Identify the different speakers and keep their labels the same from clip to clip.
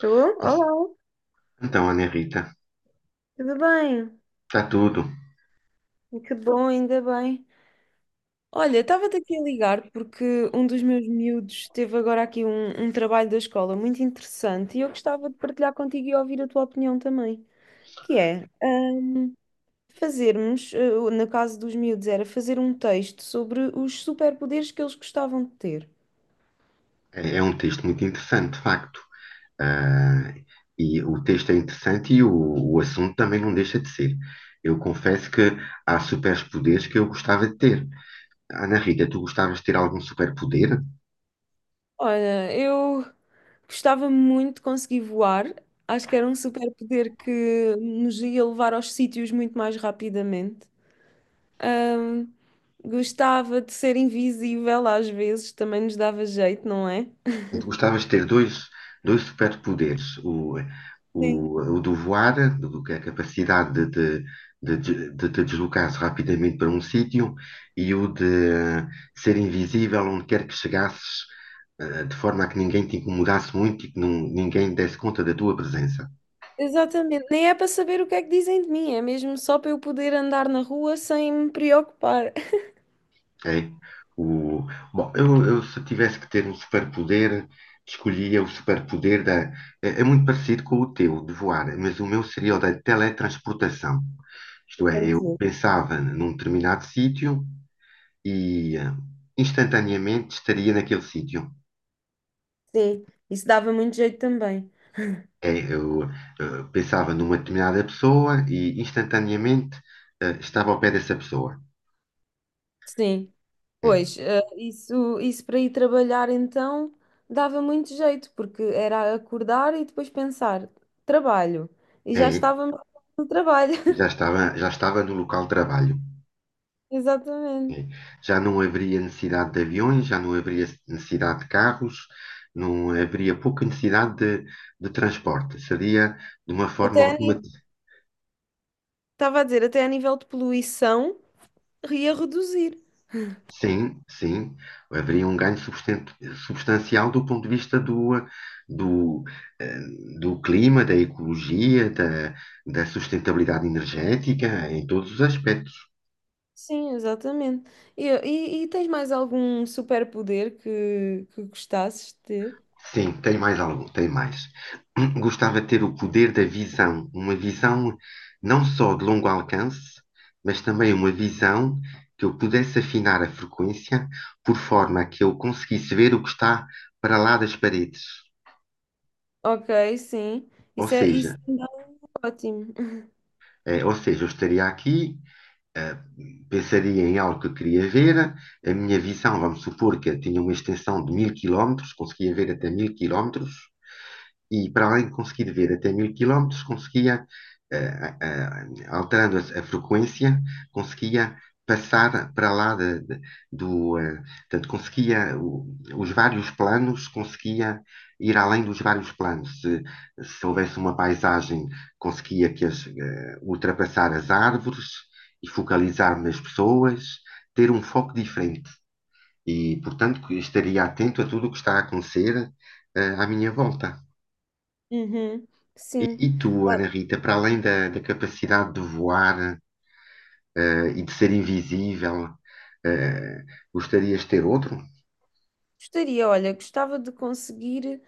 Speaker 1: Tu? Olá,
Speaker 2: Então, Ana Rita,
Speaker 1: tudo bem?
Speaker 2: está tudo.
Speaker 1: Que bom, ainda bem. Olha, estava-te aqui a ligar porque um dos meus miúdos teve agora aqui um trabalho da escola muito interessante e eu gostava de partilhar contigo e ouvir a tua opinião também, que é fazermos, no caso dos miúdos, era fazer um texto sobre os superpoderes que eles gostavam de ter.
Speaker 2: É um texto muito interessante, de facto. Ah, e o texto é interessante e o assunto também não deixa de ser. Eu confesso que há superpoderes que eu gostava de ter. Ana Rita, tu gostavas de ter algum superpoder?
Speaker 1: Olha, eu gostava muito de conseguir voar. Acho que era um superpoder que nos ia levar aos sítios muito mais rapidamente. ah, Gostava de ser invisível às vezes, também nos dava jeito, não é?
Speaker 2: Portanto, gostavas de ter dois superpoderes: o,
Speaker 1: Sim.
Speaker 2: o, o do voar, que é a capacidade de te deslocares rapidamente para um sítio, e o de ser invisível onde quer que chegasses, de forma a que ninguém te incomodasse muito e que ninguém desse conta da tua presença.
Speaker 1: Exatamente, nem é para saber o que é que dizem de mim, é mesmo só para eu poder andar na rua sem me preocupar.
Speaker 2: É. O, bom, eu se tivesse que ter um superpoder, escolhia o superpoder da. É muito parecido com o teu, de voar, mas o meu seria o da teletransportação.
Speaker 1: E
Speaker 2: Isto é, eu
Speaker 1: contigo.
Speaker 2: pensava num determinado sítio e instantaneamente estaria naquele sítio.
Speaker 1: Sim, isso dava muito jeito também.
Speaker 2: É, eu pensava numa determinada pessoa e instantaneamente estava ao pé dessa pessoa.
Speaker 1: Sim,
Speaker 2: É,
Speaker 1: pois, isso para ir trabalhar então dava muito jeito, porque era acordar e depois pensar, trabalho, e já
Speaker 2: é,
Speaker 1: estávamos no trabalho.
Speaker 2: e já estava, já estava no local de trabalho.
Speaker 1: Exatamente.
Speaker 2: Sim. Já não haveria necessidade de aviões, já não haveria necessidade de carros, não haveria pouca necessidade de transporte. Seria de uma forma
Speaker 1: Até a ni-
Speaker 2: automática.
Speaker 1: Estava a dizer, até a nível de poluição. E a reduzir.
Speaker 2: Sim, sim, haveria um ganho substancial do ponto de vista do, eh, do clima, da ecologia, da sustentabilidade energética, em todos os aspectos.
Speaker 1: Sim, exatamente. E tens mais algum superpoder que gostasses de ter?
Speaker 2: Sim, tem mais algum, tem mais. Gostava de ter o poder da visão, uma visão não só de longo alcance, mas também uma visão que eu pudesse afinar a frequência por forma que eu conseguisse ver o que está para lá das paredes.
Speaker 1: Ok, sim.
Speaker 2: Ou
Speaker 1: Isso
Speaker 2: seja,
Speaker 1: ainda é ótimo.
Speaker 2: ou seja, eu estaria aqui, eh, pensaria em algo que eu queria ver, a minha visão, vamos supor que eu tinha uma extensão de 1000 quilómetros, conseguia ver até 1000 quilómetros, e para além de conseguir ver até 1000 quilómetros, conseguia, eh, eh, alterando a frequência, conseguia passar para lá do, eh, portanto, conseguia os vários planos, conseguia ir além dos vários planos. Se houvesse uma paisagem, conseguia que ultrapassar as árvores e focalizar nas pessoas, ter um foco diferente. E, portanto, que estaria atento a tudo o que está a acontecer, à minha volta.
Speaker 1: Uhum,
Speaker 2: E,
Speaker 1: sim.
Speaker 2: e tu, Ana
Speaker 1: Olha,
Speaker 2: Rita, para além da capacidade de voar, e de ser invisível, eh, gostarias de ter outro?
Speaker 1: gostaria, olha, gostava de conseguir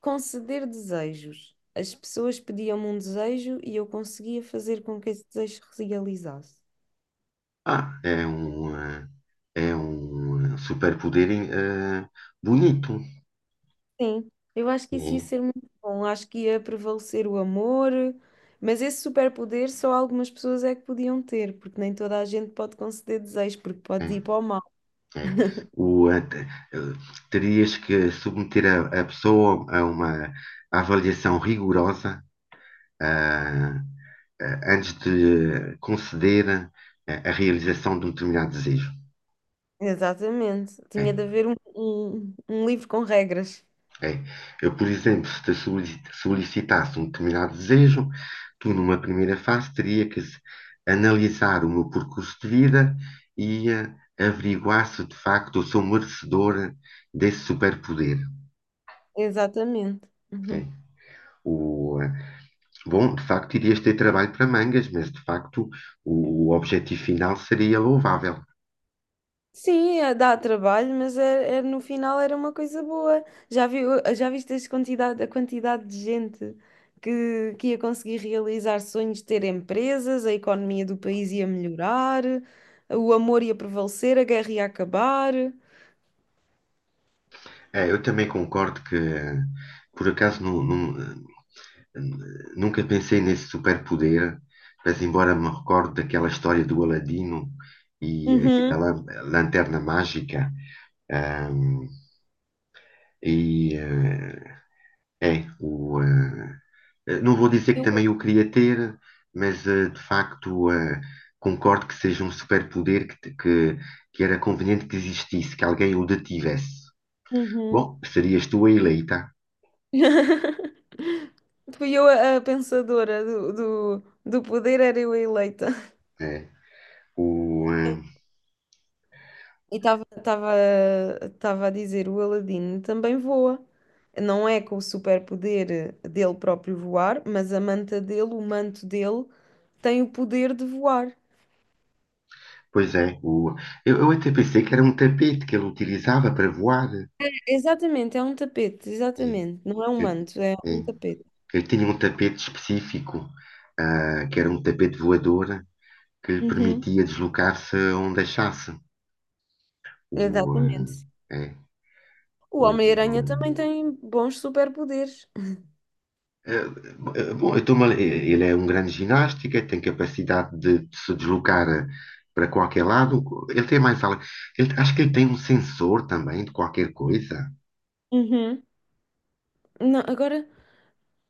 Speaker 1: conceder desejos. As pessoas pediam-me um desejo e eu conseguia fazer com que esse desejo se realizasse.
Speaker 2: Ah, é um superpoder, eh, bonito.
Speaker 1: Sim, eu acho que isso ia
Speaker 2: É,
Speaker 1: ser muito bom. Acho que ia prevalecer o amor, mas esse superpoder só algumas pessoas é que podiam ter, porque nem toda a gente pode conceder desejos, porque pode
Speaker 2: é,
Speaker 1: ir para o mal.
Speaker 2: é. O, eh, terias que submeter a pessoa a uma avaliação rigorosa, ah, antes de conceder a realização de um determinado desejo.
Speaker 1: Exatamente. Tinha
Speaker 2: É.
Speaker 1: de haver um livro com regras.
Speaker 2: É. Eu, por exemplo, se te solicitasse um determinado desejo, tu, numa primeira fase, teria que analisar o meu percurso de vida e averiguar se de facto eu sou merecedor desse superpoder.
Speaker 1: Exatamente.
Speaker 2: É. O, bom, de facto, irias ter trabalho para mangas, mas de facto o objetivo final seria louvável.
Speaker 1: Sim, é- dá trabalho, mas é, é- no final era uma coisa boa. Já viu, Já viste as quantidade, a quantidade de gente que ia conseguir realizar sonhos de ter empresas, a economia do país ia melhorar, o amor ia prevalecer, a guerra ia acabar.
Speaker 2: Eu também concordo que, por acaso, não, não- Nunca pensei nesse superpoder, mas embora me recorde daquela história do Aladino e da
Speaker 1: Uhum.
Speaker 2: lanterna mágica, ahm, e é o não vou dizer que
Speaker 1: Eu-
Speaker 2: também eu queria ter, mas de facto concordo que seja um superpoder que era conveniente que existisse, que alguém o detivesse.
Speaker 1: Uhum.
Speaker 2: Bom, serias tu a eleita.
Speaker 1: Fui eu a pensadora do poder, era eu a eleita.
Speaker 2: É. O, eh,
Speaker 1: E estava a dizer, o Aladino também voa. Não é com o superpoder dele próprio voar, mas a manta dele, o manto dele, tem o poder de voar.
Speaker 2: pois é, eu até pensei que era um tapete que ele utilizava para voar.
Speaker 1: Exatamente, é um tapete,
Speaker 2: É,
Speaker 1: exatamente. Não é um
Speaker 2: Eu,
Speaker 1: manto, é um
Speaker 2: é,
Speaker 1: tapete.
Speaker 2: eu tinha um tapete específico, ah, que era um tapete voador que lhe
Speaker 1: Uhum,
Speaker 2: permitia deslocar-se onde achasse. O, ah,
Speaker 1: exatamente.
Speaker 2: é,
Speaker 1: O
Speaker 2: o,
Speaker 1: Homem-Aranha também tem bons superpoderes.
Speaker 2: eh, bom, eu estou-me a- eh, ele é um grande ginástica, tem capacidade de se deslocar para qualquer lado. Ele tem mais algo. Ele, acho que ele tem um sensor também de qualquer coisa.
Speaker 1: Uhum. Não, agora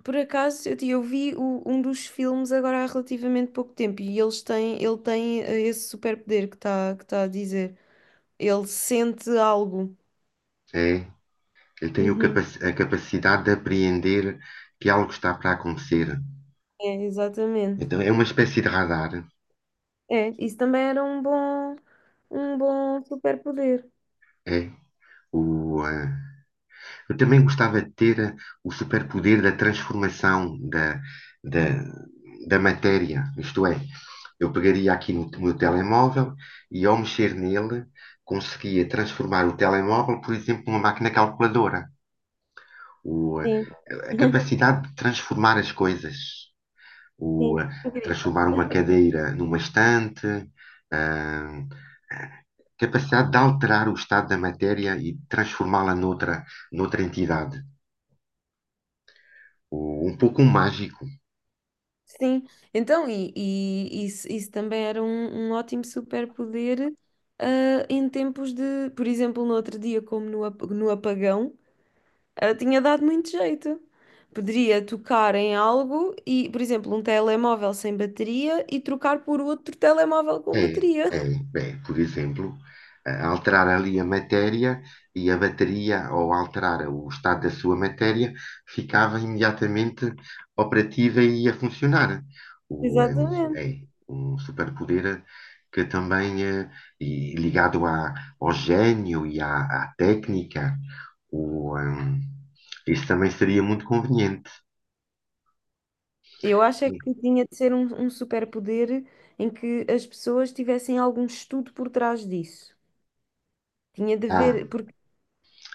Speaker 1: por acaso, eu vi o- um dos filmes agora há relativamente pouco tempo e eles têm, ele tem esse superpoder que está que tá a dizer. Ele sente algo.
Speaker 2: É. Eu tenho
Speaker 1: Uhum.
Speaker 2: a capacidade de apreender que algo está para acontecer.
Speaker 1: É, exatamente.
Speaker 2: Então é uma espécie de radar.
Speaker 1: É, isso também era um bom superpoder.
Speaker 2: É. O, eu também gostava de ter o superpoder da transformação da, da matéria. Isto é, eu pegaria aqui no meu telemóvel e ao mexer nele conseguia transformar o telemóvel, por exemplo, numa máquina calculadora. O,
Speaker 1: Sim,
Speaker 2: a capacidade de transformar as coisas. O,
Speaker 1: sim. Incrível.
Speaker 2: transformar uma cadeira numa estante, ah, a capacidade de alterar o estado da matéria e transformá-la noutra entidade. Um pouco mágico.
Speaker 1: Sim, então, e isso também era um ótimo superpoder em tempos de, por exemplo, no outro dia, como no, ap- no apagão. Tinha dado muito jeito. Poderia tocar em algo e, por exemplo, um telemóvel sem bateria e trocar por outro telemóvel com
Speaker 2: É,
Speaker 1: bateria.
Speaker 2: é, é, por exemplo, alterar ali a matéria e a bateria, ou alterar o estado da sua matéria, ficava imediatamente operativa e a funcionar. O, é, um, é
Speaker 1: Exatamente.
Speaker 2: um superpoder que também, e ligado ao gênio e à técnica, o, ehm, isso também seria muito conveniente.
Speaker 1: Eu acho é que tinha de ser um superpoder em que as pessoas tivessem algum estudo por trás disso. Tinha de
Speaker 2: Ah,
Speaker 1: haver, porque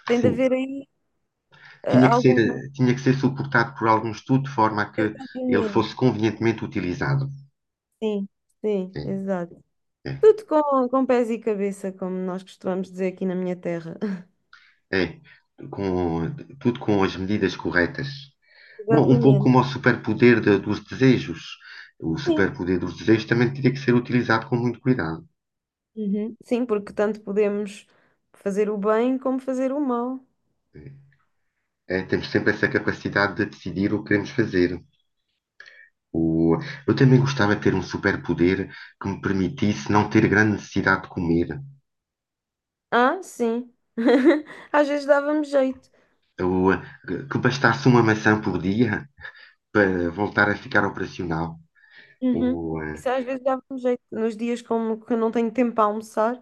Speaker 1: tem de
Speaker 2: sim,
Speaker 1: haver aí
Speaker 2: tinha que
Speaker 1: algum
Speaker 2: ser, tinha que ser suportado por algum estudo de forma a que ele fosse
Speaker 1: movimento.
Speaker 2: convenientemente utilizado.
Speaker 1: Sim, sim,
Speaker 2: É,
Speaker 1: exato.
Speaker 2: é,
Speaker 1: Tudo com pés e cabeça, como nós costumamos dizer aqui na minha terra.
Speaker 2: é. Com, tudo com as medidas corretas. Bom, um pouco
Speaker 1: Exatamente.
Speaker 2: como o superpoder dos desejos. O
Speaker 1: Sim,
Speaker 2: superpoder dos desejos também teria que ser utilizado com muito cuidado.
Speaker 1: uhum. Sim, porque tanto podemos fazer o bem como fazer o mal.
Speaker 2: É, é, temos sempre essa capacidade de decidir o que queremos fazer. O, eu também gostava de ter um superpoder que me permitisse não ter grande necessidade de comer.
Speaker 1: Ah, sim. Às vezes dávamos jeito.
Speaker 2: O, que bastasse uma maçã por dia para voltar a ficar operacional.
Speaker 1: Uhum.
Speaker 2: O, eh,
Speaker 1: Isso às vezes dávamos jeito. Nos dias como que eu não tenho tempo para almoçar,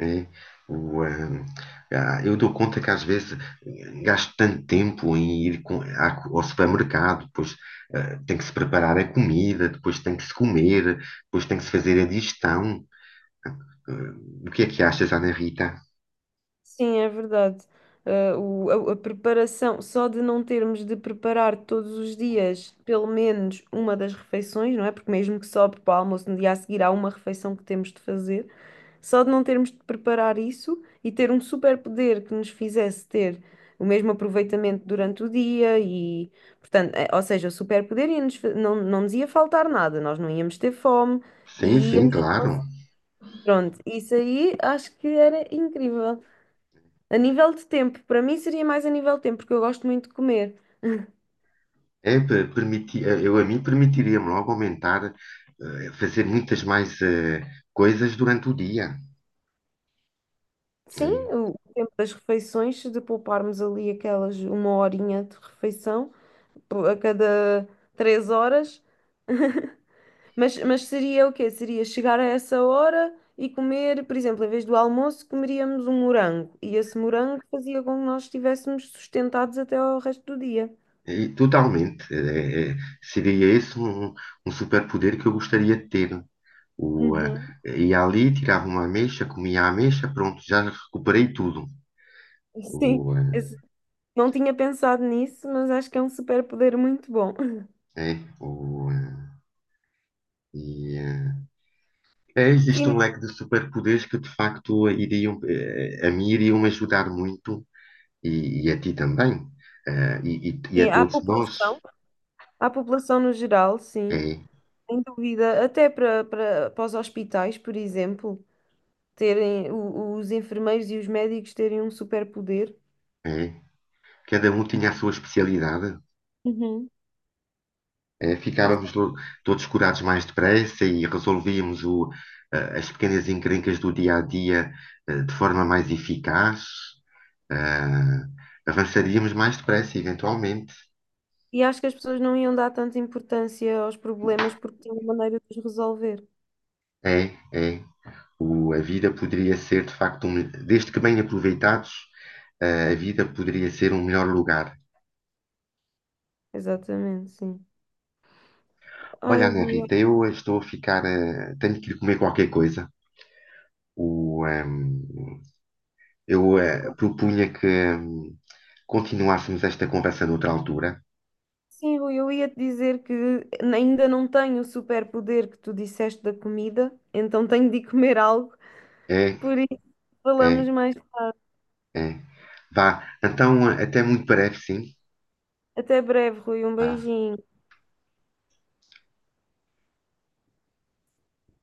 Speaker 2: eh, o, eh, ah, eu dou conta que às vezes gasto tanto tempo em ir ao supermercado, depois tem que se preparar a comida, depois tem que se comer, depois tem que se fazer a digestão. Eh, o que é que achas, Ana Rita?
Speaker 1: sim, é verdade. Ah, o- a preparação, só de não termos de preparar todos os dias pelo menos uma das refeições, não é? Porque mesmo que sobre para o almoço, no dia a seguir há uma refeição que temos de fazer. Só de não termos de preparar isso e ter um superpoder que nos fizesse ter o mesmo aproveitamento durante o dia e, portanto, ou seja, o superpoder ia-nos fa- não nos ia faltar nada, nós não íamos ter fome
Speaker 2: Sim,
Speaker 1: e
Speaker 2: sim,
Speaker 1: íamos,
Speaker 2: claro.
Speaker 1: pronto, isso aí acho que era incrível. A nível de tempo, para mim seria mais a nível de tempo, porque eu gosto muito de comer.
Speaker 2: É, eu a mim permitiria-me logo aumentar, fazer muitas mais coisas durante o dia.
Speaker 1: Sim,
Speaker 2: Né?
Speaker 1: o tempo das refeições, se de pouparmos ali aquelas uma horinha de refeição pô, a cada três horas. Mas seria o quê? Seria chegar a essa hora e comer, por exemplo, em vez do almoço, comeríamos um morango. E esse morango fazia com que nós estivéssemos sustentados até ao resto do dia.
Speaker 2: E, totalmente. É, é, seria esse um superpoder que eu gostaria de ter. O, ah,
Speaker 1: Uhum.
Speaker 2: ia ali, tirava uma ameixa, comia a ameixa, pronto, já recuperei tudo.
Speaker 1: Sim,
Speaker 2: O, ah,
Speaker 1: esse- não tinha pensado nisso, mas acho que é um superpoder muito bom.
Speaker 2: é, o, ah, e, ah, é,
Speaker 1: E
Speaker 2: Existe um
Speaker 1: mais,
Speaker 2: leque de superpoderes que de facto iriam, a mim iriam ajudar muito e a ti também. Ah, e a
Speaker 1: sim,
Speaker 2: todos nós.
Speaker 1: à população no geral, sim,
Speaker 2: É,
Speaker 1: sem dúvida, até para os hospitais, por exemplo, terem o- os enfermeiros e os médicos terem um superpoder.
Speaker 2: é. Cada um tinha a sua especialidade.
Speaker 1: Uhum.
Speaker 2: Ficávamos todos curados mais depressa e resolvíamos as pequenas encrencas do dia a dia, de forma mais eficaz. Ah, avançaríamos mais depressa, eventualmente.
Speaker 1: E acho que as pessoas não iam dar tanta importância aos problemas porque tinham maneira de os resolver.
Speaker 2: É, é. A vida poderia ser, de facto, desde que bem aproveitados, ah, a vida poderia ser um melhor lugar.
Speaker 1: Exatamente, sim. Ai,
Speaker 2: Olha, Ana
Speaker 1: Rui, olha,
Speaker 2: Rita, eu estou a ficar. Ah, tenho que ir comer qualquer coisa. O, eu propunha que hum, continuássemos esta conversa noutra altura.
Speaker 1: sim, Rui, eu ia te dizer que ainda não tenho o superpoder que tu disseste da comida, então tenho de ir comer algo.
Speaker 2: É,
Speaker 1: Por isso, falamos
Speaker 2: é,
Speaker 1: mais.
Speaker 2: é. Vá, então até muito breve, sim.
Speaker 1: Até breve, Rui. Um
Speaker 2: Vá.
Speaker 1: beijinho.